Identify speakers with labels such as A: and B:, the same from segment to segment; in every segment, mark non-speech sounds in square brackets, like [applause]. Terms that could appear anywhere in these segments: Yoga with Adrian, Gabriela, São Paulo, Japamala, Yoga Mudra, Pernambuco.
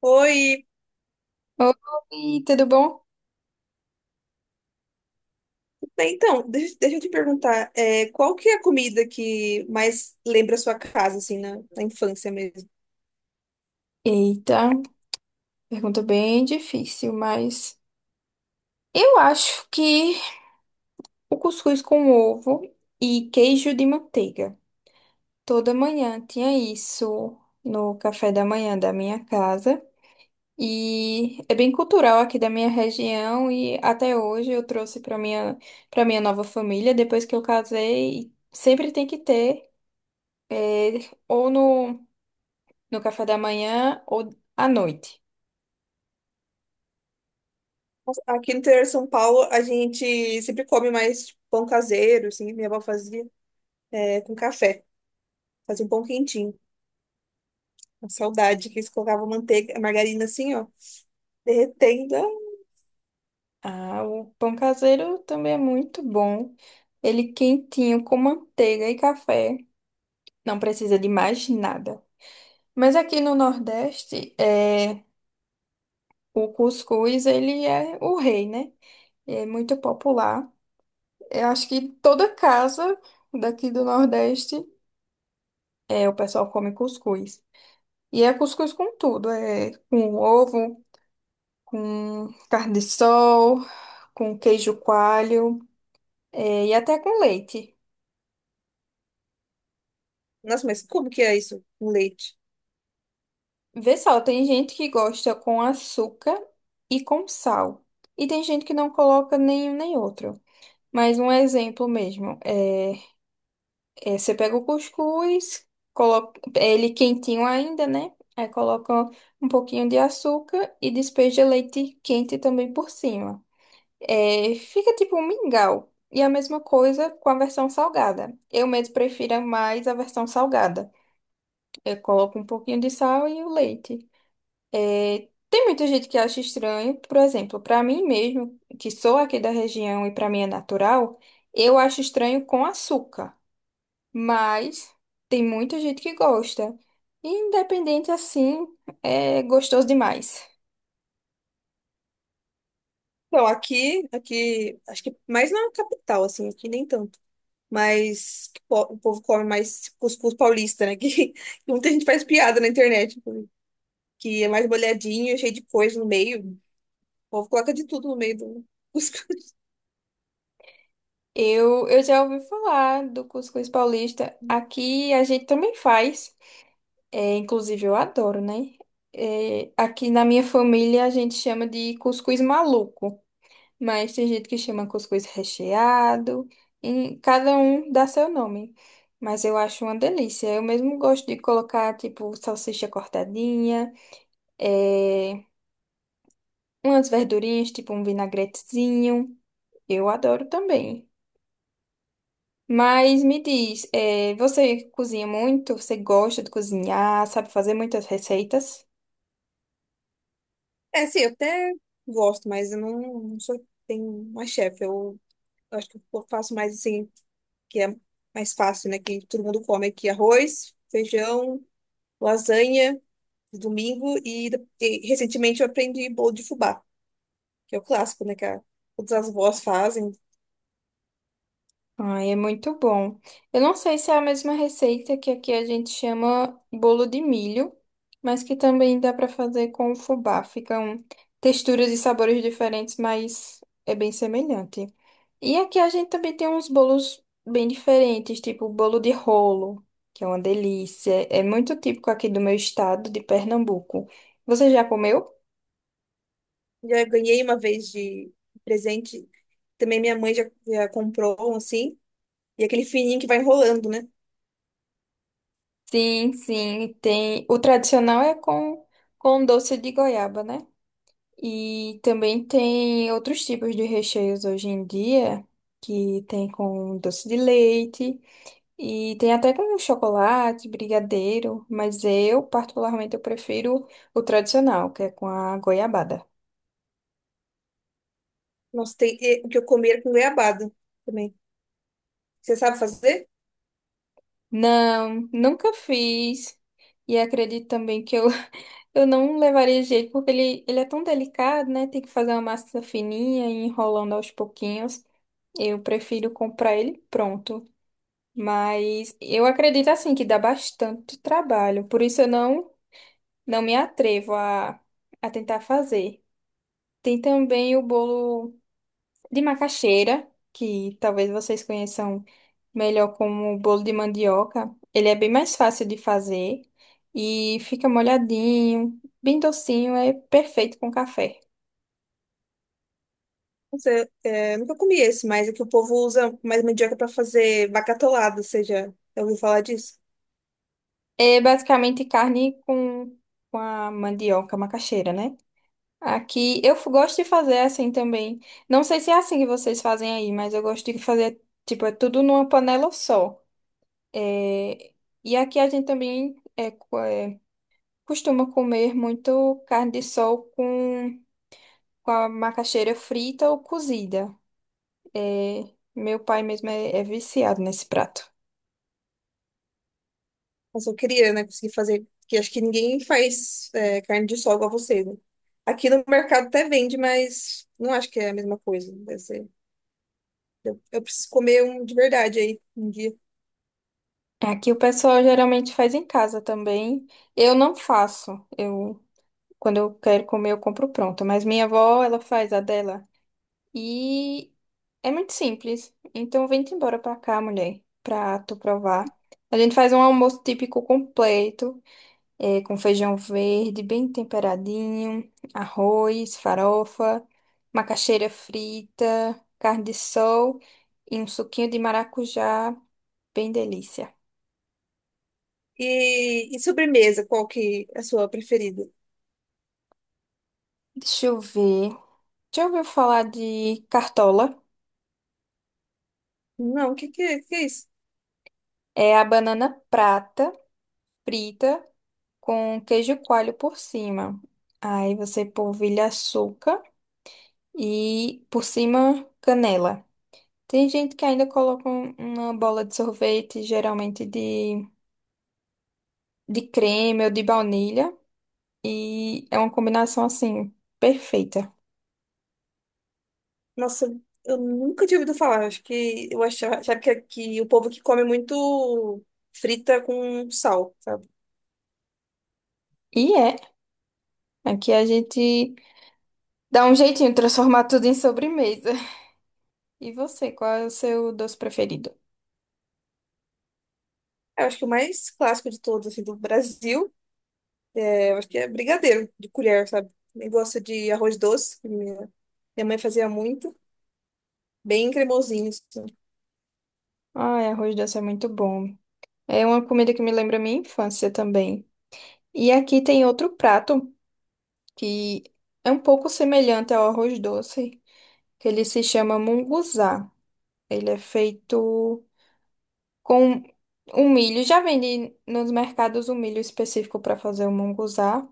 A: Oi,
B: Oi, tudo bom?
A: então, deixa eu te perguntar, qual que é a comida que mais lembra a sua casa, assim, na infância mesmo?
B: Eita, pergunta bem difícil, mas eu acho que o cuscuz com ovo e queijo de manteiga. Toda manhã tinha isso no café da manhã da minha casa e é bem cultural aqui da minha região e até hoje eu trouxe para minha nova família depois que eu casei, e sempre tem que ter é, ou no café da manhã ou à noite.
A: Nossa, aqui no interior de São Paulo, a gente sempre come mais tipo, pão caseiro, assim, minha avó fazia, é, com café, fazia um pão quentinho, uma saudade, que eles colocavam manteiga, margarina assim, ó, derretendo. Ah,
B: Ah, o pão caseiro também é muito bom. Ele quentinho com manteiga e café. Não precisa de mais nada. Mas aqui no Nordeste, o cuscuz, ele é o rei, né? É muito popular. Eu acho que toda casa daqui do Nordeste, o pessoal come cuscuz. E é cuscuz com tudo. É com ovo, com carne de sol, com queijo coalho, é, e até com leite.
A: nossa, mas como que é isso, com leite?
B: Vê só, tem gente que gosta com açúcar e com sal. E tem gente que não coloca nenhum nem outro. Mas um exemplo mesmo, você pega o cuscuz, coloca é ele quentinho ainda, né? Aí coloca um pouquinho de açúcar e despeja leite quente também por cima. É, fica tipo um mingau. E a mesma coisa com a versão salgada. Eu mesmo prefiro mais a versão salgada. Eu coloco um pouquinho de sal e o leite. É, tem muita gente que acha estranho, por exemplo, para mim mesmo, que sou aqui da região e para mim é natural, eu acho estranho com açúcar, mas tem muita gente que gosta. Independente assim, é gostoso demais.
A: Então, aqui, acho que mais na capital, assim, aqui nem tanto. Mas o povo come mais cuscuz paulista, né? [laughs] Que, muita gente faz piada na internet, tipo, que é mais molhadinho, cheio de coisa no meio. O povo coloca de tudo no meio do [laughs] cuscuz.
B: Eu já ouvi falar do cuscuz paulista. Aqui a gente também faz. É, inclusive eu adoro, né? É, aqui na minha família a gente chama de cuscuz maluco. Mas tem gente que chama cuscuz recheado, e cada um dá seu nome. Mas eu acho uma delícia. Eu mesmo gosto de colocar, tipo, salsicha cortadinha, eh, umas verdurinhas, tipo um vinagretezinho. Eu adoro também. Mas me diz, você cozinha muito? Você gosta de cozinhar? Sabe fazer muitas receitas?
A: É, sim, eu até gosto, mas eu não sou, tenho uma chefe. Eu acho que eu faço mais assim, que é mais fácil, né? Que todo mundo come aqui arroz, feijão, lasanha, de domingo e recentemente eu aprendi bolo de fubá, que é o clássico, né? Todas as vós fazem.
B: Ai, é muito bom. Eu não sei se é a mesma receita que aqui a gente chama bolo de milho, mas que também dá para fazer com o fubá. Ficam texturas e sabores diferentes, mas é bem semelhante. E aqui a gente também tem uns bolos bem diferentes, tipo bolo de rolo, que é uma delícia. É muito típico aqui do meu estado, de Pernambuco. Você já comeu?
A: Já ganhei uma vez de presente. Também minha mãe já comprou um assim. E aquele fininho que vai enrolando, né?
B: Sim, sim, tem. O tradicional é com doce de goiaba, né? E também tem outros tipos de recheios hoje em dia, que tem com doce de leite e tem até com chocolate, brigadeiro, mas eu, particularmente, eu prefiro o tradicional, que é com a goiabada.
A: Nossa, tem e o que eu comi era com goiabada também. Você sabe fazer?
B: Não, nunca fiz. E acredito também que eu, [laughs] eu não levaria jeito, porque ele é tão delicado, né? Tem que fazer uma massa fininha e ir enrolando aos pouquinhos. Eu prefiro comprar ele pronto. Mas eu acredito assim que dá bastante trabalho, por isso eu não me atrevo a tentar fazer. Tem também o bolo de macaxeira, que talvez vocês conheçam melhor como bolo de mandioca. Ele é bem mais fácil de fazer e fica molhadinho, bem docinho, é perfeito com café.
A: Você, é, nunca comi esse, mas é que o povo usa mais mandioca para fazer bacatolada. Você já ouviu falar disso?
B: É basicamente carne com a mandioca, macaxeira, né? Aqui eu gosto de fazer assim também. Não sei se é assim que vocês fazem aí, mas eu gosto de fazer, tipo, é tudo numa panela só. É, E aqui a gente também costuma comer muito carne de sol com a macaxeira frita ou cozida. É, Meu pai mesmo é viciado nesse prato.
A: Mas eu queria, né? Conseguir fazer. Porque acho que ninguém faz é, carne de sol igual você, né? Aqui no mercado até vende, mas não acho que é a mesma coisa. Deve ser. Eu preciso comer um de verdade aí um dia.
B: Aqui o pessoal geralmente faz em casa também. Eu não faço. Eu, quando eu quero comer, eu compro pronto. Mas minha avó, ela faz a dela. E é muito simples. Então vem-te embora pra cá, mulher, pra tu provar. A gente faz um almoço típico completo, com feijão verde, bem temperadinho, arroz, farofa, macaxeira frita, carne de sol e um suquinho de maracujá, bem delícia.
A: E sobremesa, qual que é a sua preferida?
B: Deixa eu ver. Já ouviu falar de cartola?
A: Não, o que é isso?
B: É a banana prata, frita, com queijo coalho por cima. Aí você polvilha açúcar e por cima canela. Tem gente que ainda coloca uma bola de sorvete, geralmente de creme ou de baunilha. E é uma combinação assim, perfeita.
A: Nossa, eu nunca tinha ouvido falar. Acho que eu achava que o povo que come muito frita com sal, sabe?
B: E é, aqui a gente dá um jeitinho de transformar tudo em sobremesa. [laughs] E você, qual é o seu doce preferido?
A: Eu acho que o mais clássico de todos, assim, do Brasil, é, eu acho que é brigadeiro de colher, sabe? Eu gosto de arroz doce, que minha mãe fazia muito, bem cremosinho, assim.
B: Ai, arroz doce é muito bom. É uma comida que me lembra a minha infância também. E aqui tem outro prato que é um pouco semelhante ao arroz doce, que ele se chama munguzá. Ele é feito com um milho. Já vende nos mercados um milho específico para fazer o munguzá.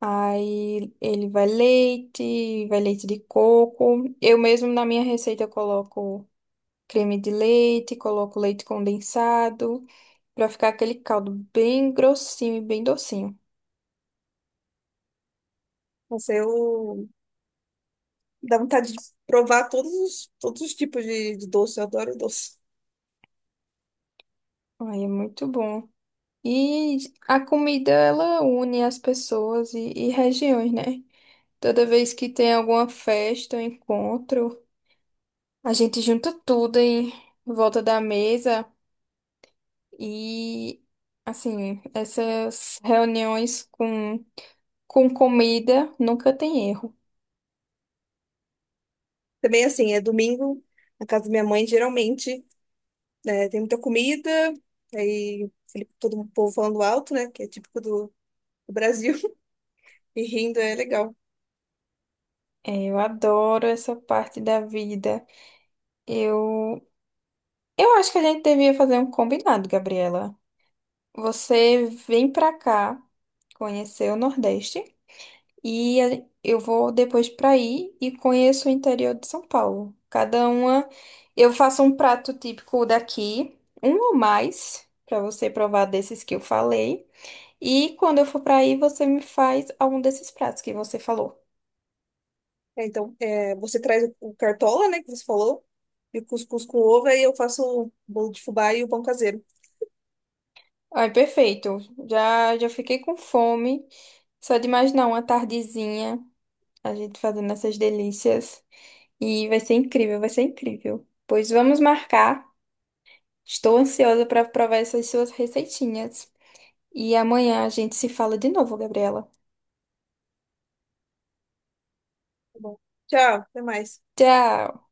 B: Aí ele vai leite de coco. Eu mesmo na minha receita eu coloco creme de leite, coloco leite condensado. Pra ficar aquele caldo bem grossinho e bem docinho.
A: Nossa, eu dá vontade de provar todos os tipos de doce, eu adoro doce.
B: Ai, é muito bom. E a comida, ela une as pessoas e regiões, né? Toda vez que tem alguma festa, um encontro, a gente junta tudo em volta da mesa e, assim, essas reuniões com comida nunca tem erro.
A: Também assim, é domingo, na casa da minha mãe, geralmente, né, tem muita comida, todo o povo falando alto, né? Que é típico do, do Brasil, [laughs] e rindo é legal.
B: É, eu adoro essa parte da vida. Eu, eu acho que a gente devia fazer um combinado, Gabriela. Você vem pra cá conhecer o Nordeste e eu vou depois pra aí e conheço o interior de São Paulo. Cada uma, eu faço um prato típico daqui, um ou mais, pra você provar desses que eu falei. E quando eu for pra aí, você me faz algum desses pratos que você falou.
A: É, então, é, você traz o cartola, né, que você falou, e o cuscuz com ovo, aí eu faço o bolo de fubá e o pão caseiro.
B: Ai, perfeito. Já já fiquei com fome. Só de imaginar uma tardezinha, a gente fazendo essas delícias. E vai ser incrível, vai ser incrível. Pois vamos marcar. Estou ansiosa para provar essas suas receitinhas. E amanhã a gente se fala de novo, Gabriela.
A: Tá bom. Tchau, até mais.
B: Tchau!